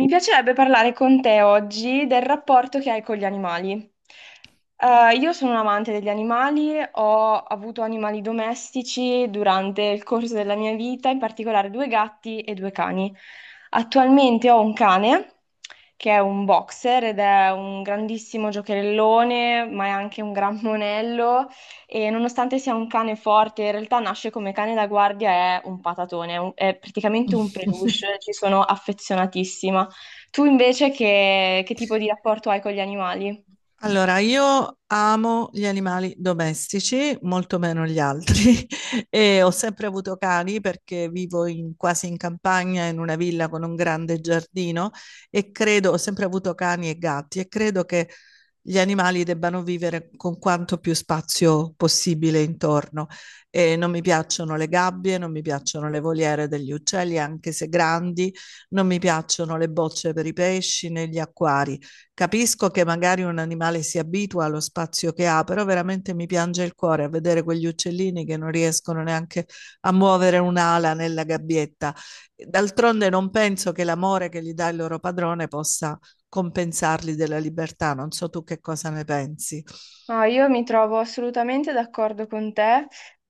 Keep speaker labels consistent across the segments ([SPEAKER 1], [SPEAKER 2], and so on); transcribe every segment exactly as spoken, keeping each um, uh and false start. [SPEAKER 1] Mi piacerebbe parlare con te oggi del rapporto che hai con gli animali. Eh, io sono un amante degli animali, ho avuto animali domestici durante il corso della mia vita, in particolare due gatti e due cani. Attualmente ho un cane che è un boxer ed è un grandissimo giocherellone, ma è anche un gran monello e nonostante sia un cane forte, in realtà nasce come cane da guardia, è un patatone, è, un- è praticamente un peluche, ci sono affezionatissima. Tu invece che, che tipo di rapporto hai con gli animali?
[SPEAKER 2] Allora, io amo gli animali domestici, molto meno gli altri, e ho sempre avuto cani perché vivo in- quasi in campagna, in una villa con un grande giardino e credo, ho sempre avuto cani e gatti e credo che gli animali debbano vivere con quanto più spazio possibile intorno. E non mi piacciono le gabbie, non mi piacciono le voliere degli uccelli, anche se grandi, non mi piacciono le bocce per i pesci né gli acquari. Capisco che magari un animale si abitua allo spazio che ha, però veramente mi piange il cuore a vedere quegli uccellini che non riescono neanche a muovere un'ala nella gabbietta. D'altronde non penso che l'amore che gli dà il loro padrone possa compensarli della libertà. Non so tu che cosa ne pensi.
[SPEAKER 1] No, io mi trovo assolutamente d'accordo con te,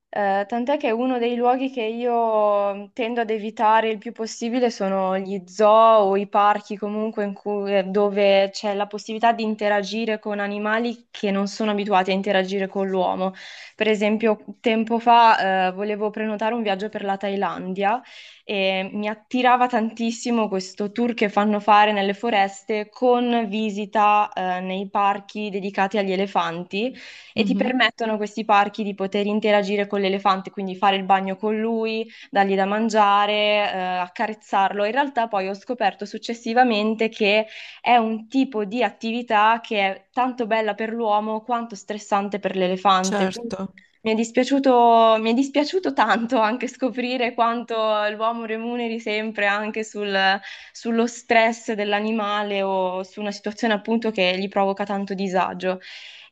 [SPEAKER 1] eh, tant'è che uno dei luoghi che io tendo ad evitare il più possibile sono gli zoo o i parchi comunque in cui- eh, dove c'è la possibilità di interagire con animali che non sono abituati a interagire con l'uomo. Per esempio, tempo fa, eh, volevo prenotare un viaggio per la Thailandia. E mi attirava tantissimo questo tour che fanno fare nelle foreste con visita, eh, nei parchi dedicati agli elefanti e ti
[SPEAKER 2] Mhm,
[SPEAKER 1] permettono questi parchi di poter interagire con l'elefante, quindi fare il bagno con lui, dargli da mangiare, eh, accarezzarlo. In realtà poi ho scoperto successivamente che è un tipo di attività che è tanto bella per l'uomo quanto stressante per l'elefante.
[SPEAKER 2] certo.
[SPEAKER 1] Mi è dispiaciuto, mi è dispiaciuto tanto anche scoprire quanto l'uomo remuneri sempre anche sul- sullo stress dell'animale o su una situazione appunto che gli provoca tanto disagio.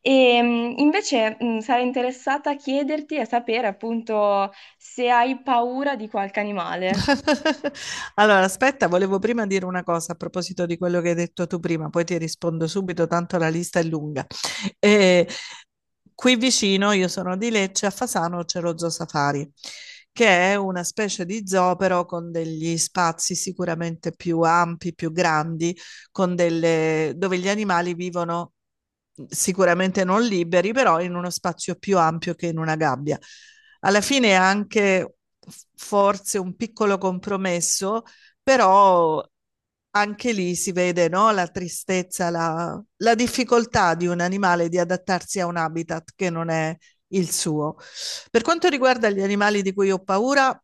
[SPEAKER 1] E mh, invece mh, sarei interessata a chiederti e a sapere appunto se hai paura di qualche animale.
[SPEAKER 2] Allora, aspetta, volevo prima dire una cosa a proposito di quello che hai detto tu prima, poi ti rispondo subito, tanto la lista è lunga. Eh, Qui vicino, io sono di Lecce, a Fasano c'è lo Zoo Safari, che è una specie di zoo però con degli spazi sicuramente più ampi, più grandi, con delle... dove gli animali vivono sicuramente non liberi, però in uno spazio più ampio che in una gabbia. Alla fine è anche forse un piccolo compromesso, però anche lì si vede, no, la tristezza, la, la difficoltà di un animale di adattarsi a un habitat che non è il suo. Per quanto riguarda gli animali di cui ho paura,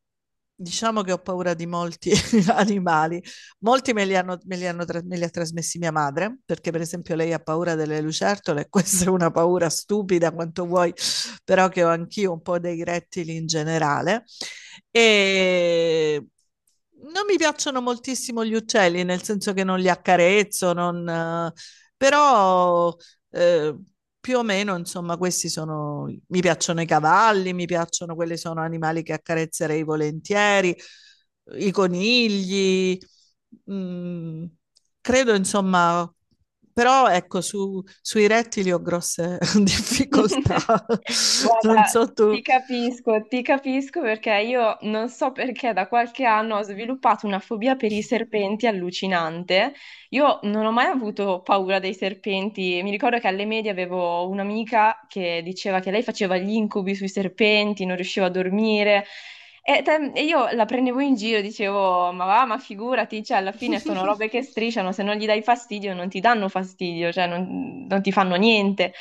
[SPEAKER 2] diciamo che ho paura di molti animali. Molti me li, hanno, me, li hanno, Me li ha trasmessi mia madre, perché per esempio lei ha paura delle lucertole, questa è una paura stupida quanto vuoi, però che ho anch'io un po' dei rettili in generale. E non mi piacciono moltissimo gli uccelli, nel senso che non li accarezzo, non, eh, però eh, più o meno, insomma, questi sono, mi piacciono i cavalli, mi piacciono quelli sono animali che accarezzerei volentieri, i conigli, mm, credo, insomma, però ecco, su- sui rettili ho grosse difficoltà. Non
[SPEAKER 1] Guarda,
[SPEAKER 2] so tu.
[SPEAKER 1] ti capisco, ti capisco perché io non so perché da qualche anno ho sviluppato una fobia per i serpenti allucinante. Io non ho mai avuto paura dei serpenti. Mi ricordo che alle medie avevo un'amica che diceva che lei faceva gli incubi sui serpenti, non riusciva a dormire. E, te- e io la prendevo in giro, dicevo, ma va, ma figurati, cioè alla fine sono robe che strisciano, se non gli dai fastidio non ti danno fastidio, cioè non non ti fanno niente.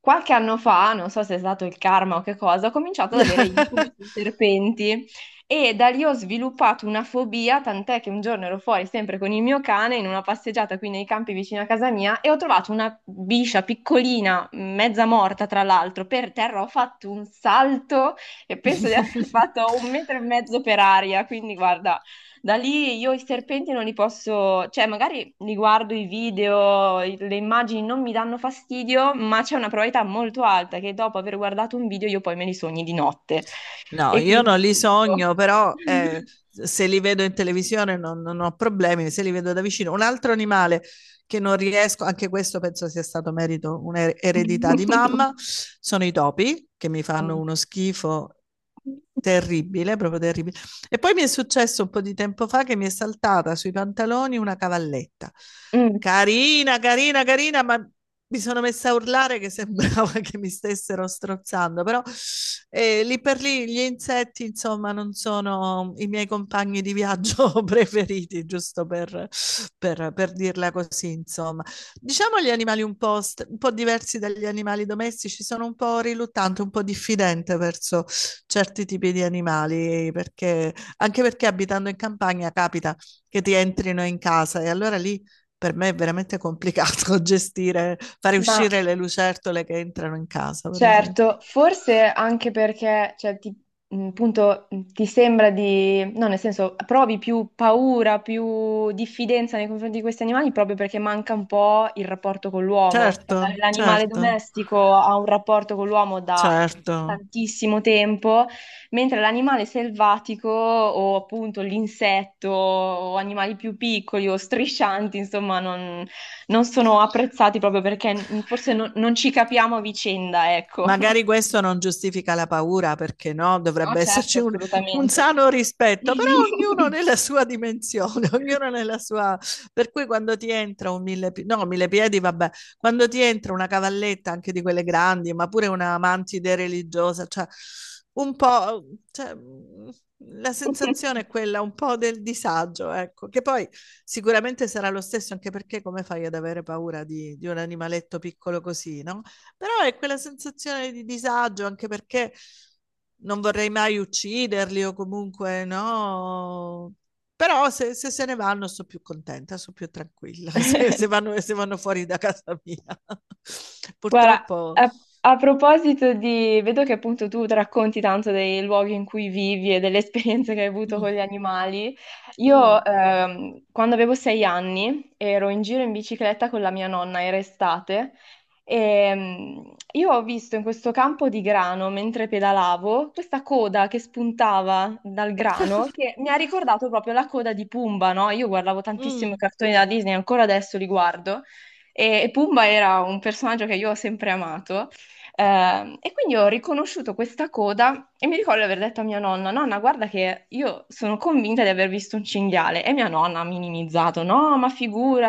[SPEAKER 1] Qualche anno fa, non so se è stato il karma o che cosa, ho cominciato ad avere incubi sui serpenti e da lì ho sviluppato una fobia, tant'è che un giorno ero fuori sempre con il mio cane in una passeggiata qui nei campi vicino a casa mia e ho trovato una biscia piccolina, mezza morta tra l'altro, per terra. Ho fatto un salto e penso di aver fatto un metro e mezzo per aria, quindi guarda, da lì io i serpenti non li posso, cioè magari li guardo i video, i- le immagini non mi danno fastidio, ma c'è una probabilità molto alta che dopo aver guardato un video io poi me li sogni di notte
[SPEAKER 2] No,
[SPEAKER 1] e
[SPEAKER 2] io
[SPEAKER 1] quindi
[SPEAKER 2] non li
[SPEAKER 1] evito.
[SPEAKER 2] sogno, però eh, se li vedo in televisione non, non ho problemi, se li vedo da vicino. Un altro animale che non riesco, anche questo penso sia stato merito, un'eredità di mamma, sono i topi, che mi fanno
[SPEAKER 1] Mm.
[SPEAKER 2] uno schifo terribile, proprio terribile. E poi mi è successo un po' di tempo fa che mi è saltata sui pantaloni una cavalletta.
[SPEAKER 1] Mm.
[SPEAKER 2] Carina, carina, carina, ma mi sono messa a urlare che sembrava che mi stessero strozzando, però eh, lì per lì gli insetti, insomma, non sono i miei compagni di viaggio preferiti, giusto per, per- per dirla così, insomma. Diciamo gli animali un po', st- un po' diversi dagli animali domestici, sono un po' riluttante, un po' diffidente verso certi tipi di animali, perché, anche perché abitando in campagna capita che ti entrino in casa e allora lì per me è veramente complicato gestire, fare
[SPEAKER 1] Ma
[SPEAKER 2] uscire le lucertole che entrano in casa, per esempio.
[SPEAKER 1] certo, forse anche perché, cioè, ti, mh, appunto, mh, ti sembra di, no, nel senso, provi più paura, più diffidenza nei confronti di questi animali proprio perché manca un po' il rapporto con l'uomo. Cioè,
[SPEAKER 2] Certo,
[SPEAKER 1] la- l'animale
[SPEAKER 2] certo,
[SPEAKER 1] domestico ha un rapporto con l'uomo da
[SPEAKER 2] certo.
[SPEAKER 1] tantissimo tempo, mentre l'animale selvatico o appunto l'insetto o animali più piccoli o striscianti, insomma, non non sono apprezzati proprio perché n- forse non non ci capiamo a vicenda, ecco.
[SPEAKER 2] Magari questo non giustifica la paura, perché no,
[SPEAKER 1] No,
[SPEAKER 2] dovrebbe
[SPEAKER 1] certo,
[SPEAKER 2] esserci un, un
[SPEAKER 1] assolutamente.
[SPEAKER 2] sano rispetto, però ognuno nella sua dimensione, ognuno nella sua... Per cui quando ti entra un mille piedi, no, mille piedi, vabbè, quando ti entra una cavalletta anche di quelle grandi, ma pure una mantide religiosa, cioè un po'... Cioè, mm, la sensazione è quella un po' del disagio, ecco, che poi sicuramente sarà lo stesso, anche perché come fai ad avere paura di, di un animaletto piccolo così, no? Però è quella sensazione di disagio, anche perché non vorrei mai ucciderli o comunque no. Però se, se se ne vanno sono più contenta, sono più tranquilla, se, se vanno, se vanno fuori da casa mia.
[SPEAKER 1] Guarda,
[SPEAKER 2] Purtroppo...
[SPEAKER 1] a, a proposito di vedo che appunto tu racconti tanto dei luoghi in cui vivi e delle esperienze che hai avuto con
[SPEAKER 2] Mm,
[SPEAKER 1] gli animali. Io
[SPEAKER 2] mm.
[SPEAKER 1] ehm, quando avevo sei anni ero in giro in bicicletta con la mia nonna, era estate, e mm, io ho visto in questo campo di grano, mentre pedalavo, questa coda che spuntava dal grano, che mi ha ricordato proprio la coda di Pumba, no? Io guardavo tantissimo i
[SPEAKER 2] Mm.
[SPEAKER 1] cartoni da Disney, ancora adesso li guardo. E, e Pumba era un personaggio che io ho sempre amato. Ehm, e quindi ho riconosciuto questa coda e mi ricordo di aver detto a mia nonna: Nonna, guarda che io sono convinta di aver visto un cinghiale. E mia nonna ha minimizzato: No, ma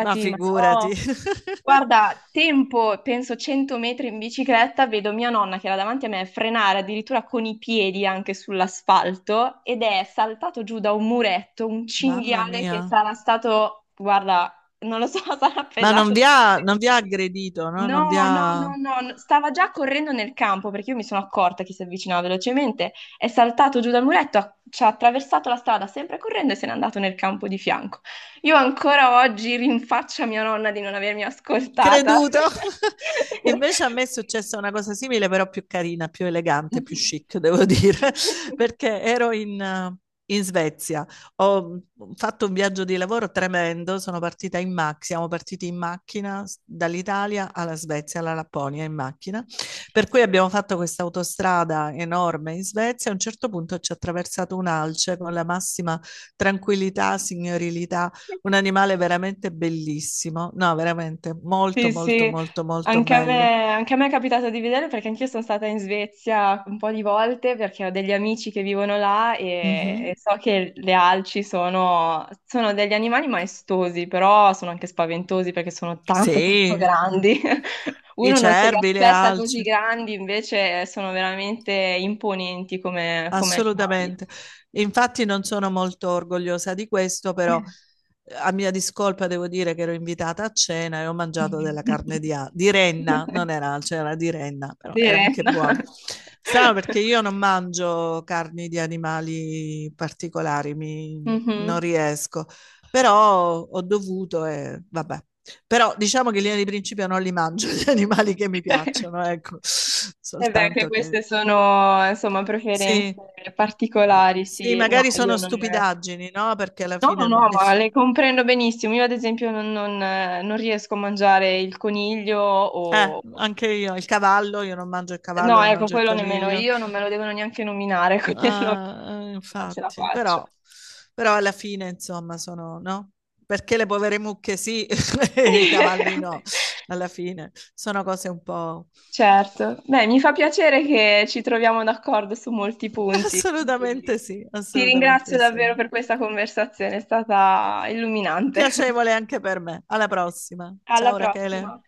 [SPEAKER 2] Ma
[SPEAKER 1] ma
[SPEAKER 2] figurati.
[SPEAKER 1] no. Guarda, tempo, penso cento metri in bicicletta, vedo mia nonna che era davanti a me frenare addirittura con i piedi anche sull'asfalto ed è saltato giù da un muretto un
[SPEAKER 2] Mamma
[SPEAKER 1] cinghiale
[SPEAKER 2] mia.
[SPEAKER 1] che sarà stato, guarda, non lo so, sarà
[SPEAKER 2] Ma non
[SPEAKER 1] pesato.
[SPEAKER 2] vi ha, non vi ha aggredito, no?
[SPEAKER 1] No,
[SPEAKER 2] Non vi
[SPEAKER 1] no,
[SPEAKER 2] ha...
[SPEAKER 1] no, no, no, stava già correndo nel campo perché io mi sono accorta che si avvicinava velocemente, è saltato giù dal muretto, ha- ci ha attraversato la strada sempre correndo e se n'è andato nel campo di fianco. Io ancora oggi rinfaccio a mia nonna di non avermi ascoltata.
[SPEAKER 2] creduto. Invece a me è successa una cosa simile, però più carina, più elegante, più
[SPEAKER 1] Mhm.
[SPEAKER 2] chic, devo dire, perché ero in, eh, in Svezia. Ho mm, fatto un viaggio di lavoro tremendo, sono partita in macchina, siamo partiti in macchina s- dall'Italia alla Svezia, alla Lapponia in macchina, per cui abbiamo fatto questa autostrada enorme in Svezia, a un certo punto ci ha attraversato un alce con la massima tranquillità, signorilità un animale veramente bellissimo. No, veramente molto,
[SPEAKER 1] Sì,
[SPEAKER 2] molto,
[SPEAKER 1] sì,
[SPEAKER 2] molto, molto
[SPEAKER 1] anche a
[SPEAKER 2] bello.
[SPEAKER 1] me, anche a me è capitato di vederlo perché anch'io sono stata in Svezia un po' di volte perché ho degli amici che vivono là e,
[SPEAKER 2] Mhm.
[SPEAKER 1] e so che le alci sono, sono degli animali maestosi, però sono anche spaventosi perché sono tanto, tanto
[SPEAKER 2] Sì,
[SPEAKER 1] grandi.
[SPEAKER 2] i
[SPEAKER 1] Uno non se li
[SPEAKER 2] cervi, le
[SPEAKER 1] aspetta così
[SPEAKER 2] alci.
[SPEAKER 1] grandi, invece sono veramente imponenti come, come animali.
[SPEAKER 2] Assolutamente. Infatti non sono molto orgogliosa di questo, però eh, a mia discolpa devo dire che ero invitata a cena e ho mangiato della carne di, a- di renna, non era alce, era di renna, però era
[SPEAKER 1] Bene.
[SPEAKER 2] anche buona. Strano perché io non mangio carni di animali particolari, mi- non
[SPEAKER 1] Mhm.
[SPEAKER 2] riesco, però ho dovuto e vabbè. Però diciamo che in linea di principio non li mangio gli animali che mi piacciono, ecco,
[SPEAKER 1] E beh, anche
[SPEAKER 2] soltanto che
[SPEAKER 1] queste sono, insomma, preferenze
[SPEAKER 2] sì.
[SPEAKER 1] particolari,
[SPEAKER 2] Sì,
[SPEAKER 1] sì. No,
[SPEAKER 2] magari
[SPEAKER 1] io
[SPEAKER 2] sono
[SPEAKER 1] non...
[SPEAKER 2] stupidaggini, no? Perché alla
[SPEAKER 1] No, no,
[SPEAKER 2] fine non-
[SPEAKER 1] no, ma
[SPEAKER 2] ness-
[SPEAKER 1] le comprendo benissimo. Io, ad esempio, non, non- non riesco a mangiare il coniglio
[SPEAKER 2] eh,
[SPEAKER 1] o...
[SPEAKER 2] anche io, il cavallo, io non mangio il cavallo,
[SPEAKER 1] No,
[SPEAKER 2] non
[SPEAKER 1] ecco,
[SPEAKER 2] mangio il
[SPEAKER 1] quello nemmeno
[SPEAKER 2] coniglio.
[SPEAKER 1] io, non me lo devono neanche nominare, quindi non
[SPEAKER 2] Ah, eh,
[SPEAKER 1] non ce la
[SPEAKER 2] infatti,
[SPEAKER 1] faccio.
[SPEAKER 2] però, però alla fine, insomma, sono, no? Perché le povere mucche sì, e i cavalli no, alla fine. Sono cose un po'...
[SPEAKER 1] Certo, beh, mi fa piacere che ci troviamo d'accordo su molti punti.
[SPEAKER 2] Assolutamente
[SPEAKER 1] Quindi
[SPEAKER 2] sì,
[SPEAKER 1] ti ringrazio
[SPEAKER 2] assolutamente sì.
[SPEAKER 1] davvero per questa conversazione, è stata illuminante.
[SPEAKER 2] Piacevole anche per me. Alla prossima.
[SPEAKER 1] Alla
[SPEAKER 2] Ciao Rachele.
[SPEAKER 1] prossima.